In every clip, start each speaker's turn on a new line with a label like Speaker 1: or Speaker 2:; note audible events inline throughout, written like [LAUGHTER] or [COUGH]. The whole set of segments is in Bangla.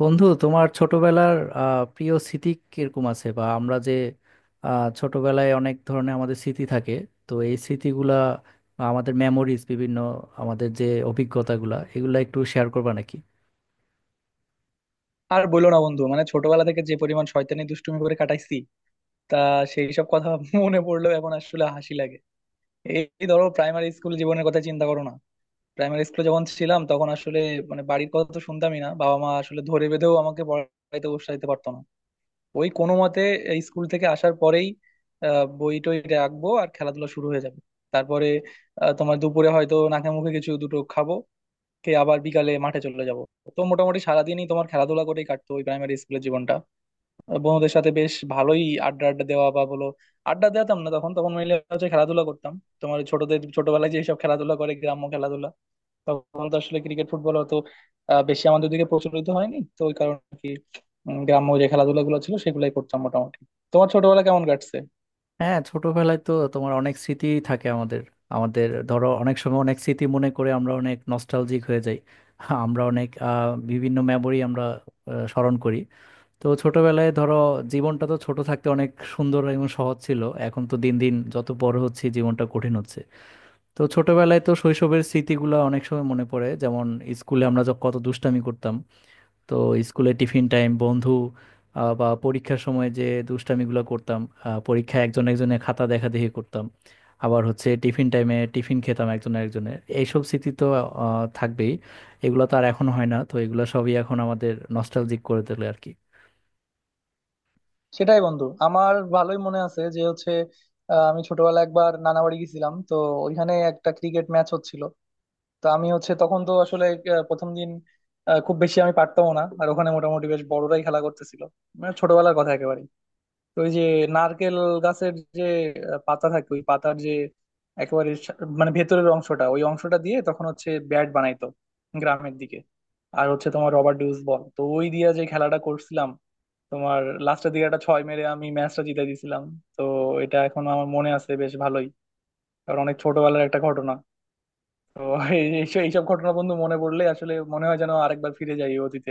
Speaker 1: বন্ধু তোমার ছোটবেলার প্রিয় স্মৃতি কিরকম আছে? বা আমরা যে ছোটবেলায় অনেক ধরনের আমাদের স্মৃতি থাকে, তো এই স্মৃতিগুলা বা আমাদের মেমোরিজ, বিভিন্ন আমাদের যে অভিজ্ঞতাগুলা, এগুলা একটু শেয়ার করবা নাকি?
Speaker 2: আর বইলো না বন্ধু, মানে ছোটবেলা থেকে যে পরিমাণ শয়তানি দুষ্টুমি করে কাটাইছি তা সেই সব কথা [LAUGHS] মনে পড়লেও এখন আসলে হাসি লাগে। এই এই ধরো প্রাইমারি স্কুল জীবনের কথা চিন্তা করো না। প্রাইমারি স্কুলে যখন ছিলাম তখন আসলে মানে বাড়ির কথা তো শুনতামই না, বাবা মা আসলে ধরে বেঁধেও আমাকে পড়াইতে বসাইতে পারতো না। ওই কোনো মতে এই স্কুল থেকে আসার পরেই বই টই রাখবো আর খেলাধুলা শুরু হয়ে যাবে। তারপরে তোমার দুপুরে হয়তো নাকে মুখে কিছু দুটো খাবো, খেয়ে আবার বিকালে মাঠে চলে যাবো। তো মোটামুটি সারাদিনই তোমার খেলাধুলা করেই কাটতো ওই প্রাইমারি স্কুলের জীবনটা। বন্ধুদের সাথে বেশ ভালোই আড্ডা আড্ডা দেওয়া বা বলো আড্ডা দিতাম না, তখন তখন মিলে হচ্ছে খেলাধুলা করতাম। তোমার ছোটদের ছোটবেলায় যেসব খেলাধুলা করে গ্রাম্য খেলাধুলা, তখন তো আসলে ক্রিকেট ফুটবল অত বেশি আমাদের দিকে প্রচলিত হয়নি, তো ওই কারণে আর কি। গ্রাম্য যে খেলাধুলা গুলো ছিল সেগুলাই করতাম মোটামুটি। তোমার ছোটবেলা কেমন কাটছে?
Speaker 1: হ্যাঁ, ছোটবেলায় তো তোমার অনেক স্মৃতি থাকে আমাদের। আমাদের ধরো অনেক সময় অনেক স্মৃতি মনে করে আমরা অনেক নস্টালজিক হয়ে যাই। আমরা অনেক বিভিন্ন মেমোরি আমরা স্মরণ করি। তো ছোটবেলায় ধরো জীবনটা তো ছোট থাকতে অনেক সুন্দর এবং সহজ ছিল। এখন তো দিন দিন যত বড় হচ্ছে জীবনটা কঠিন হচ্ছে। তো ছোটবেলায় তো শৈশবের স্মৃতিগুলো অনেক সময় মনে পড়ে, যেমন স্কুলে আমরা যখন কত দুষ্টামি করতাম। তো স্কুলে টিফিন টাইম বন্ধু, বা পরীক্ষার সময় যে দুষ্টামিগুলো করতাম। পরীক্ষায় একজন একজনের খাতা দেখাদেখি করতাম। আবার হচ্ছে টিফিন টাইমে টিফিন খেতাম একজন একজনের, এইসব স্মৃতি তো থাকবেই। এগুলো তো আর এখন হয় না, তো এগুলো সবই এখন আমাদের নস্টালজিক করে তোলে আর কি।
Speaker 2: সেটাই বন্ধু, আমার ভালোই মনে আছে যে হচ্ছে আমি ছোটবেলায় একবার নানা বাড়ি গেছিলাম তো, ওইখানে একটা ক্রিকেট ম্যাচ হচ্ছিল। তো আমি হচ্ছে তখন তো আসলে প্রথম দিন খুব বেশি আমি পারতাম না, আর ওখানে মোটামুটি বেশ বড়রাই খেলা করতেছিল। মানে ছোটবেলার কথা একেবারে, তো ওই যে নারকেল গাছের যে পাতা থাকে ওই পাতার যে একেবারে মানে ভেতরের অংশটা ওই অংশটা দিয়ে তখন হচ্ছে ব্যাট বানাইতো গ্রামের দিকে। আর হচ্ছে তোমার রবার ডিউস বল, তো ওই দিয়ে যে খেলাটা করছিলাম তোমার লাস্টের দিকে একটা ছয় মেরে আমি ম্যাচটা জিতে দিয়েছিলাম। তো এটা এখনো আমার মনে আছে বেশ ভালোই, কারণ অনেক ছোটবেলার একটা ঘটনা। তো এই- এইসব এইসব ঘটনা বন্ধু মনে পড়লে আসলে মনে হয় যেন আরেকবার ফিরে যাই এই অতীতে,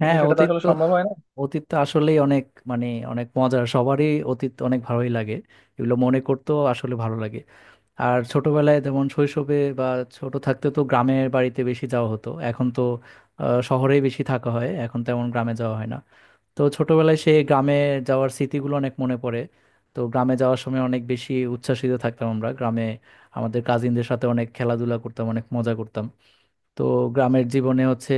Speaker 2: কিন্তু
Speaker 1: হ্যাঁ,
Speaker 2: সেটা তো
Speaker 1: অতীত
Speaker 2: আসলে
Speaker 1: তো
Speaker 2: সম্ভব হয় না।
Speaker 1: অতীত তো আসলেই অনেক মানে অনেক মজার, সবারই অতীত অনেক ভালোই লাগে। এগুলো মনে করতেও আসলে ভালো লাগে। আর ছোটবেলায় যেমন শৈশবে বা ছোট থাকতে তো গ্রামের বাড়িতে বেশি যাওয়া হতো, এখন তো শহরেই বেশি থাকা হয়, এখন তেমন গ্রামে যাওয়া হয় না। তো ছোটবেলায় সেই গ্রামে যাওয়ার স্মৃতিগুলো অনেক মনে পড়ে। তো গ্রামে যাওয়ার সময় অনেক বেশি উচ্ছ্বাসিত থাকতাম। আমরা গ্রামে আমাদের কাজিনদের সাথে অনেক খেলাধুলা করতাম, অনেক মজা করতাম। তো গ্রামের জীবনে হচ্ছে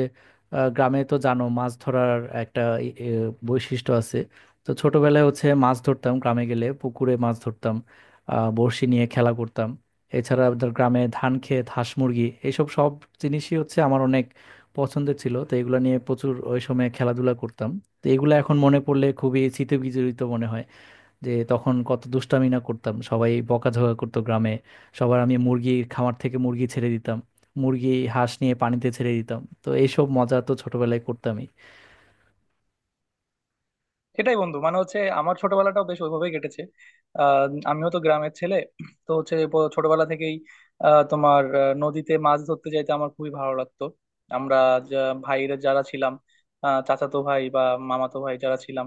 Speaker 1: গ্রামে তো জানো মাছ ধরার একটা ই- এ, বৈশিষ্ট্য আছে। তো ছোটবেলায় হচ্ছে মাছ ধরতাম, গ্রামে গেলে পুকুরে মাছ ধরতাম, বড়শি নিয়ে খেলা করতাম। এছাড়া আমাদের গ্রামে ধান খেত, হাঁস মুরগি, এইসব সব জিনিসই হচ্ছে আমার অনেক পছন্দের ছিল, তো এগুলো নিয়ে প্রচুর ওই সময় খেলাধুলা করতাম। তো এগুলো এখন মনে পড়লে খুবই স্মৃতিবিজড়িত মনে হয় যে তখন কত দুষ্টামি না করতাম, সবাই বকাঝকা করতো গ্রামে সবার। আমি মুরগির খামার থেকে মুরগি ছেড়ে দিতাম, মুরগি হাঁস নিয়ে পানিতে ছেড়ে দিতাম, তো এইসব মজা তো ছোটবেলায় করতামই।
Speaker 2: সেটাই বন্ধু, মানে হচ্ছে আমার ছোটবেলাটাও বেশ ওইভাবেই কেটেছে। আহ, আমিও তো গ্রামের ছেলে, তো হচ্ছে ছোটবেলা থেকেই তোমার নদীতে মাছ ধরতে যাইতে আমার খুবই ভালো লাগতো। আমরা ভাইরা যারা ছিলাম, চাচাতো ভাই বা মামাতো ভাই যারা ছিলাম,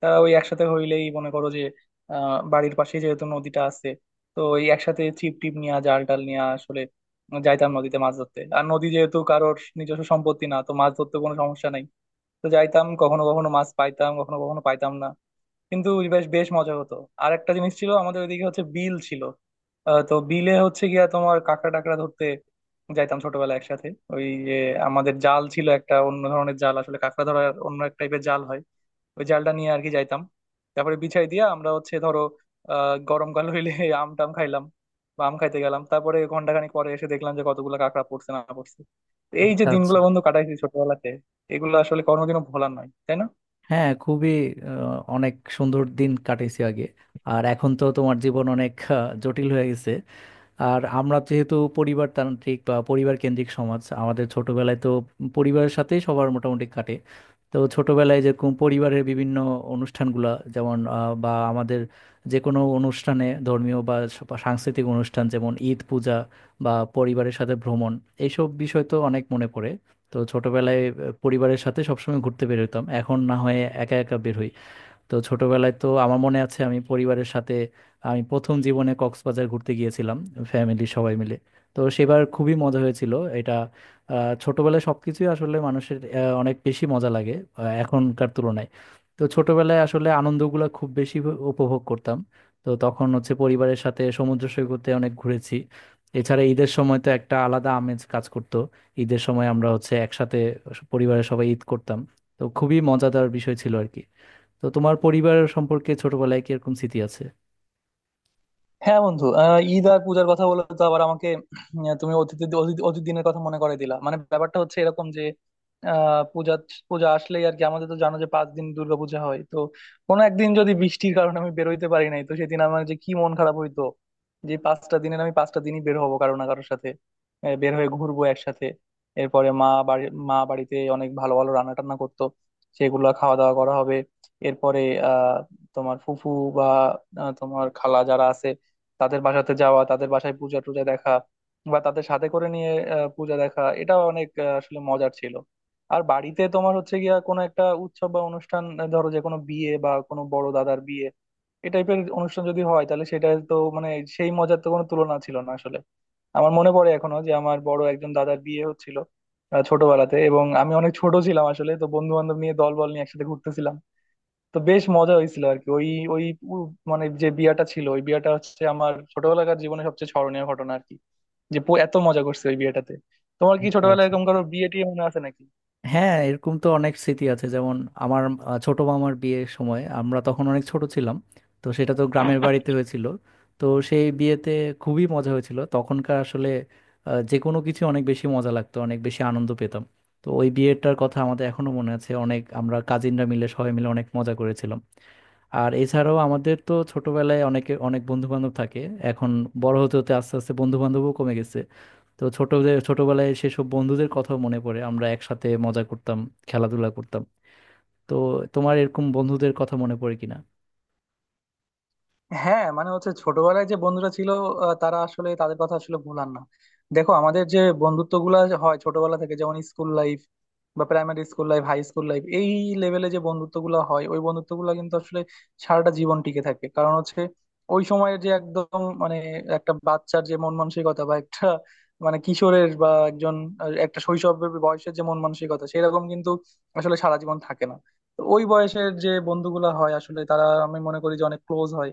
Speaker 2: তারা ওই একসাথে হইলেই মনে করো যে বাড়ির পাশে যেহেতু নদীটা আছে, তো ওই একসাথে ছিপ টিপ নিয়ে জাল টাল নিয়ে আসলে যাইতাম নদীতে মাছ ধরতে। আর নদী যেহেতু কারোর নিজস্ব সম্পত্তি না, তো মাছ ধরতে কোনো সমস্যা নাই। তো যাইতাম, কখনো কখনো মাছ পাইতাম কখনো কখনো পাইতাম না, কিন্তু বেশ বেশ মজা হতো। আর একটা জিনিস ছিল, আমাদের ওইদিকে হচ্ছে বিল ছিল। তো বিলে হচ্ছে গিয়া তোমার কাঁকড়া টাকড়া ধরতে যাইতাম ছোটবেলায় একসাথে। ওই যে আমাদের জাল ছিল একটা অন্য ধরনের জাল, আসলে কাঁকড়া ধরার অন্য এক টাইপের জাল হয়। ওই জালটা নিয়ে আর কি যাইতাম। তারপরে বিছাই দিয়া আমরা হচ্ছে ধরো গরমকাল হইলে [LAUGHS] আম টাম খাইলাম বা আম খাইতে গেলাম, তারপরে ঘন্টাখানেক পরে এসে দেখলাম যে কতগুলো কাঁকড়া পড়ছে না পড়ছে। তো এই যে
Speaker 1: আচ্ছা আচ্ছা।
Speaker 2: দিনগুলো বন্ধু কাটাইছি ছোটবেলাতে, এগুলো আসলে কোনোদিনও ভোলার নয় তাই না?
Speaker 1: হ্যাঁ, খুবই অনেক সুন্দর দিন কাটিয়েছি আগে। আর এখন তো তোমার জীবন অনেক জটিল হয়ে গেছে। আর আমরা যেহেতু পরিবারতান্ত্রিক বা পরিবার কেন্দ্রিক সমাজ, আমাদের ছোটবেলায় তো পরিবারের সাথেই সবার মোটামুটি কাটে। তো ছোটবেলায় যেরকম পরিবারের বিভিন্ন অনুষ্ঠানগুলা যেমন বা আমাদের যে কোনো অনুষ্ঠানে, ধর্মীয় বা সাংস্কৃতিক অনুষ্ঠান যেমন ঈদ, পূজা বা পরিবারের সাথে ভ্রমণ, এইসব বিষয় তো অনেক মনে পড়ে। তো ছোটবেলায় পরিবারের সাথে সবসময় ঘুরতে বের হতাম, এখন না হয়ে একা একা বের হই। তো ছোটবেলায় তো আমার মনে আছে আমি পরিবারের সাথে, আমি প্রথম জীবনে কক্সবাজার ঘুরতে গিয়েছিলাম ফ্যামিলি সবাই মিলে। তো সেবার খুবই মজা হয়েছিল। এটা ছোটবেলায় সবকিছুই আসলে মানুষের অনেক বেশি মজা লাগে এখনকার তুলনায়। তো ছোটবেলায় আসলে আনন্দগুলো খুব বেশি উপভোগ করতাম। তো তখন হচ্ছে পরিবারের সাথে সমুদ্র সৈকতে অনেক ঘুরেছি। এছাড়া ঈদের সময় তো একটা আলাদা আমেজ কাজ করতো। ঈদের সময় আমরা হচ্ছে একসাথে পরিবারের সবাই ঈদ করতাম। তো খুবই মজাদার বিষয় ছিল আর কি। তো তোমার পরিবার সম্পর্কে ছোটবেলায় কি এরকম স্মৃতি আছে?
Speaker 2: হ্যাঁ বন্ধু, ঈদ আর পূজার কথা বলে তো আবার আমাকে তুমি অতীত দিনের কথা মনে করে দিলা, মানে ব্যাপারটা হচ্ছে এরকম যে আহ পূজা পূজা আসলেই আর কি। আমাদের তো জানো যে 5 দিন দুর্গাপূজা হয়, তো কোনো একদিন যদি বৃষ্টির কারণে আমি বেরোইতে পারি নাই, তো সেদিন আমার যে কি মন খারাপ হইতো। যে 5টা দিনের আমি 5টা দিনই বের হবো কারো না কারোর সাথে, বের হয়ে ঘুরবো একসাথে। এরপরে মা বাড়িতে অনেক ভালো ভালো রান্না টান্না করতো, সেগুলো খাওয়া দাওয়া করা হবে। এরপরে আহ তোমার ফুফু বা তোমার খালা যারা আছে তাদের বাসাতে যাওয়া, তাদের বাসায় পূজা টুজা দেখা, বা তাদের সাথে করে নিয়ে পূজা দেখা, এটা অনেক আসলে মজার ছিল। আর বাড়িতে তোমার হচ্ছে গিয়া কোনো একটা উৎসব বা অনুষ্ঠান, ধরো যে কোনো বিয়ে বা কোনো বড় দাদার বিয়ে, এই টাইপের অনুষ্ঠান যদি হয় তাহলে সেটা তো মানে সেই মজার তো কোনো তুলনা ছিল না আসলে। আমার মনে পড়ে এখনো যে আমার বড় একজন দাদার বিয়ে হচ্ছিল ছোটবেলাতে, এবং আমি অনেক ছোট ছিলাম আসলে, তো বন্ধু বান্ধব নিয়ে দল বল নিয়ে একসাথে ঘুরতেছিলাম। তো বেশ মজা হয়েছিল আর কি, ওই ওই উ- মানে যে বিয়াটা ছিল ওই বিয়াটা হচ্ছে আমার ছোটবেলাকার জীবনে সবচেয়ে স্মরণীয় ঘটনা আর কি, যে এত মজা করছে ওই বিয়েটাতে। তোমার কি
Speaker 1: আচ্ছা
Speaker 2: ছোটবেলায়
Speaker 1: আচ্ছা।
Speaker 2: এরকম কারো বিয়ে টিয়ে মনে আছে নাকি?
Speaker 1: হ্যাঁ, এরকম তো অনেক স্মৃতি আছে, যেমন আমার ছোট মামার বিয়ের সময় আমরা তখন অনেক ছোট ছিলাম। তো সেটা তো গ্রামের বাড়িতে হয়েছিল। তো সেই বিয়েতে খুবই মজা হয়েছিল। তখনকার আসলে যে কোনো কিছু অনেক বেশি মজা লাগতো, অনেক বেশি আনন্দ পেতাম। তো ওই বিয়েটার কথা আমাদের এখনো মনে আছে, অনেক আমরা কাজিনরা মিলে সবাই মিলে অনেক মজা করেছিলাম। আর এছাড়াও আমাদের তো ছোটবেলায় অনেকে অনেক বন্ধু বান্ধব থাকে। এখন বড় হতে হতে আস্তে আস্তে বন্ধু বান্ধবও কমে গেছে। তো ছোটদের ছোটবেলায় সেসব বন্ধুদের কথা মনে পড়ে, আমরা একসাথে মজা করতাম, খেলাধুলা করতাম। তো তোমার এরকম বন্ধুদের কথা মনে পড়ে কিনা?
Speaker 2: হ্যাঁ মানে হচ্ছে ছোটবেলায় যে বন্ধুরা ছিল তারা আসলে তাদের কথা আসলে ভোলার না। দেখো, আমাদের যে বন্ধুত্ব গুলা হয় ছোটবেলা থেকে, যেমন স্কুল লাইফ বা primary school life, high school life, এই লেভেলে যে বন্ধুত্ব গুলা হয় ওই বন্ধুত্ব গুলা কিন্তু আসলে সারাটা জীবন টিকে থাকে। কারণ হচ্ছে ওই সময়ের যে একদম মানে একটা বাচ্চার যে মন মানসিকতা বা একটা মানে কিশোরের বা একজন একটা শৈশবের বয়সের যে মন মানসিকতা সেরকম কিন্তু আসলে সারা জীবন থাকে না। তো ওই বয়সের যে বন্ধুগুলা হয় আসলে তারা, আমি মনে করি যে অনেক ক্লোজ হয়।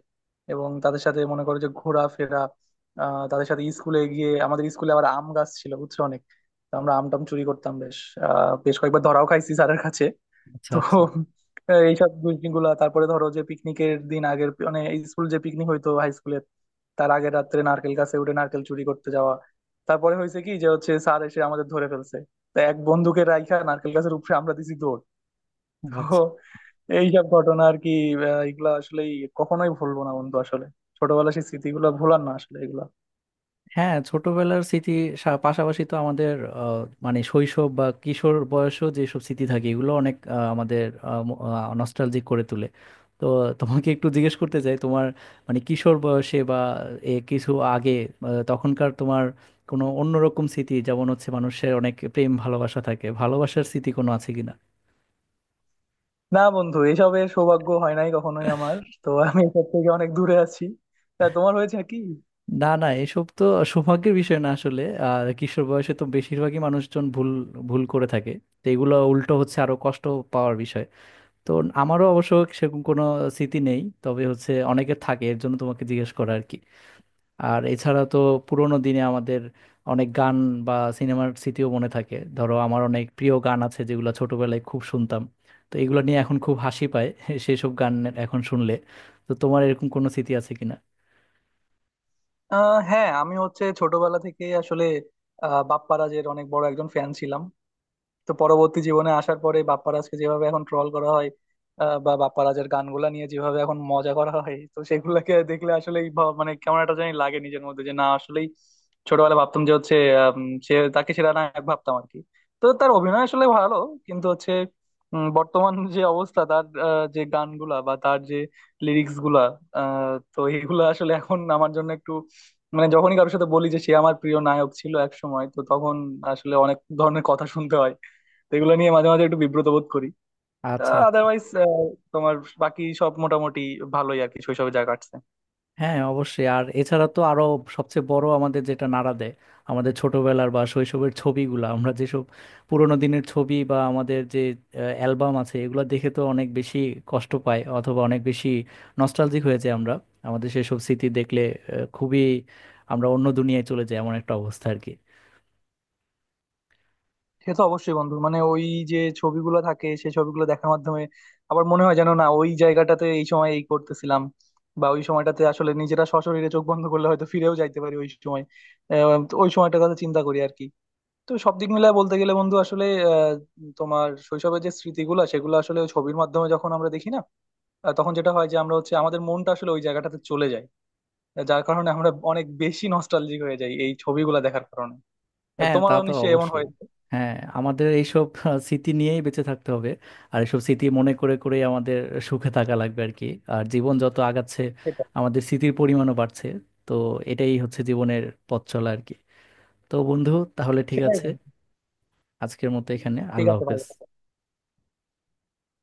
Speaker 2: এবং তাদের সাথে মনে করো যে ঘোরাফেরা, তাদের সাথে স্কুলে গিয়ে আমাদের স্কুলে আবার আম গাছ ছিল বুঝছো অনেক। তো আমরা আম টাম চুরি করতাম বেশ, বেশ কয়েকবার ধরাও খাইছি স্যারের কাছে।
Speaker 1: আচ্ছা
Speaker 2: তো
Speaker 1: আচ্ছা
Speaker 2: এইসব গুলা, তারপরে ধরো যে পিকনিকের দিন আগের, মানে স্কুল যে পিকনিক হইতো হাই স্কুলে তার আগের রাত্রে নারকেল গাছে উঠে নারকেল চুরি করতে যাওয়া। তারপরে হয়েছে কি যে হচ্ছে স্যার এসে আমাদের ধরে ফেলছে, তা এক বন্ধুকে রাইখা নারকেল গাছের উপরে আমরা দিছি দৌড়। তো
Speaker 1: আচ্ছা।
Speaker 2: এইসব ঘটনা আর কি, এগুলা আসলেই কখনোই ভুলবো না বন্ধু, আসলে ছোটবেলার সেই স্মৃতিগুলো ভোলার না আসলে এগুলা।
Speaker 1: হ্যাঁ, ছোটবেলার স্মৃতি পাশাপাশি তো আমাদের আহ, মানে শৈশব বা কিশোর বয়সেও যেসব স্মৃতি থাকে এগুলো অনেক আমাদের নস্টালজিক করে তোলে। তো তোমাকে একটু জিজ্ঞেস করতে চাই, তোমার মানে কিশোর বয়সে বা এ কিছু আগে তখনকার তোমার কোনো অন্যরকম স্মৃতি, যেমন হচ্ছে মানুষের অনেক প্রেম ভালোবাসা থাকে, ভালোবাসার স্মৃতি কোনো আছে কিনা?
Speaker 2: না বন্ধু, এসবের সৌভাগ্য হয় নাই কখনোই আমার, তো আমি এসব থেকে অনেক দূরে আছি। তা তোমার হয়েছে কি?
Speaker 1: না না, এসব তো সৌভাগ্যের বিষয় না আসলে। আর কিশোর বয়সে তো বেশিরভাগই মানুষজন ভুল ভুল করে থাকে। তো এগুলো উল্টো হচ্ছে আরো কষ্ট পাওয়ার বিষয়। তো আমারও অবশ্য সেরকম কোনো স্মৃতি নেই, তবে হচ্ছে অনেকের থাকে এর জন্য তোমাকে জিজ্ঞেস করা আর কি। আর এছাড়া তো পুরোনো দিনে আমাদের অনেক গান বা সিনেমার স্মৃতিও মনে থাকে। ধরো আমার অনেক প্রিয় গান আছে যেগুলো ছোটবেলায় খুব শুনতাম, তো এগুলো নিয়ে এখন খুব হাসি পায় [LAUGHS] সেসব গান এখন শুনলে। তো তোমার এরকম কোনো স্মৃতি আছে কিনা?
Speaker 2: হ্যাঁ, আমি হচ্ছে ছোটবেলা থেকে আসলে বাপ্পারাজের অনেক বড় একজন ফ্যান ছিলাম। তো পরবর্তী জীবনে আসার পরে বাপ্পারাজকে যেভাবে এখন ট্রল করা হয়, বা বাপ্পারাজের গানগুলা নিয়ে যেভাবে এখন মজা করা হয়, তো সেগুলোকে দেখলে আসলে মানে কেমন একটা জানি লাগে নিজের মধ্যে, যে না আসলেই ছোটবেলায় ভাবতাম যে হচ্ছে আম, সে তাকে সেরা নায়ক ভাবতাম আর কি। তো তার অভিনয় আসলে ভালো, কিন্তু হচ্ছে বর্তমান যে অবস্থা তার যে গানগুলা বা তার যে লিরিক্স গুলা, তো এগুলা আসলে এখন আমার জন্য একটু মানে যখনই কারোর সাথে বলি যে সে আমার প্রিয় নায়ক ছিল এক সময়, তো তখন আসলে অনেক ধরনের কথা শুনতে হয়। তো এগুলো নিয়ে মাঝে মাঝে একটু বিব্রত বোধ করি।
Speaker 1: আচ্ছা আচ্ছা।
Speaker 2: আদারওয়াইজ তোমার বাকি সব মোটামুটি ভালোই আর কি শৈশবে যা কাটছে।
Speaker 1: হ্যাঁ, অবশ্যই। আর এছাড়া তো আরো সবচেয়ে বড় আমাদের যেটা নাড়া দেয়, আমাদের ছোটবেলার বা শৈশবের ছবিগুলো, আমরা যেসব পুরোনো দিনের ছবি বা আমাদের যে অ্যালবাম আছে এগুলো দেখে তো অনেক বেশি কষ্ট পাই, অথবা অনেক বেশি নস্টালজিক হয়ে যাই আমরা। আমাদের সেসব স্মৃতি দেখলে খুবই আমরা অন্য দুনিয়ায় চলে যাই, এমন একটা অবস্থা আর কি।
Speaker 2: সে তো অবশ্যই বন্ধু, মানে ওই যে ছবিগুলো থাকে সেই ছবিগুলো দেখার মাধ্যমে আবার মনে হয় যেন না ওই জায়গাটাতে এই সময় এই করতেছিলাম বা ওই সময়টাতে, আসলে নিজেরা সশরীরে চোখ বন্ধ করলে হয়তো ফিরেও যাইতে পারি ওই সময়। তো ওই সময়টার কথা চিন্তা করি আর কি। তো সব দিক মিলায় বলতে গেলে বন্ধু আসলে আহ, তোমার শৈশবের যে স্মৃতিগুলো সেগুলো আসলে ওই ছবির মাধ্যমে যখন আমরা দেখি না, তখন যেটা হয় যে আমরা হচ্ছে আমাদের মনটা আসলে ওই জায়গাটাতে চলে যায়, যার কারণে আমরা অনেক বেশি নস্টালজিক হয়ে যাই এই ছবিগুলা দেখার কারণে।
Speaker 1: হ্যাঁ, তা
Speaker 2: তোমারও
Speaker 1: তো
Speaker 2: নিশ্চয়ই এমন
Speaker 1: অবশ্যই।
Speaker 2: হয়েছে।
Speaker 1: হ্যাঁ, আমাদের এইসব স্মৃতি নিয়েই বেঁচে থাকতে হবে। আর এইসব স্মৃতি মনে করে করে আমাদের সুখে থাকা লাগবে আর কি। আর জীবন যত আগাচ্ছে
Speaker 2: সেটাই
Speaker 1: আমাদের স্মৃতির পরিমাণও বাড়ছে। তো এটাই হচ্ছে জীবনের পথ চলা আর কি। তো বন্ধু, তাহলে ঠিক
Speaker 2: সেটাই
Speaker 1: আছে,
Speaker 2: বন্ধু,
Speaker 1: আজকের মতো এখানে
Speaker 2: ঠিক
Speaker 1: আল্লাহ
Speaker 2: আছে
Speaker 1: হাফেজ।
Speaker 2: ভালো থেকো।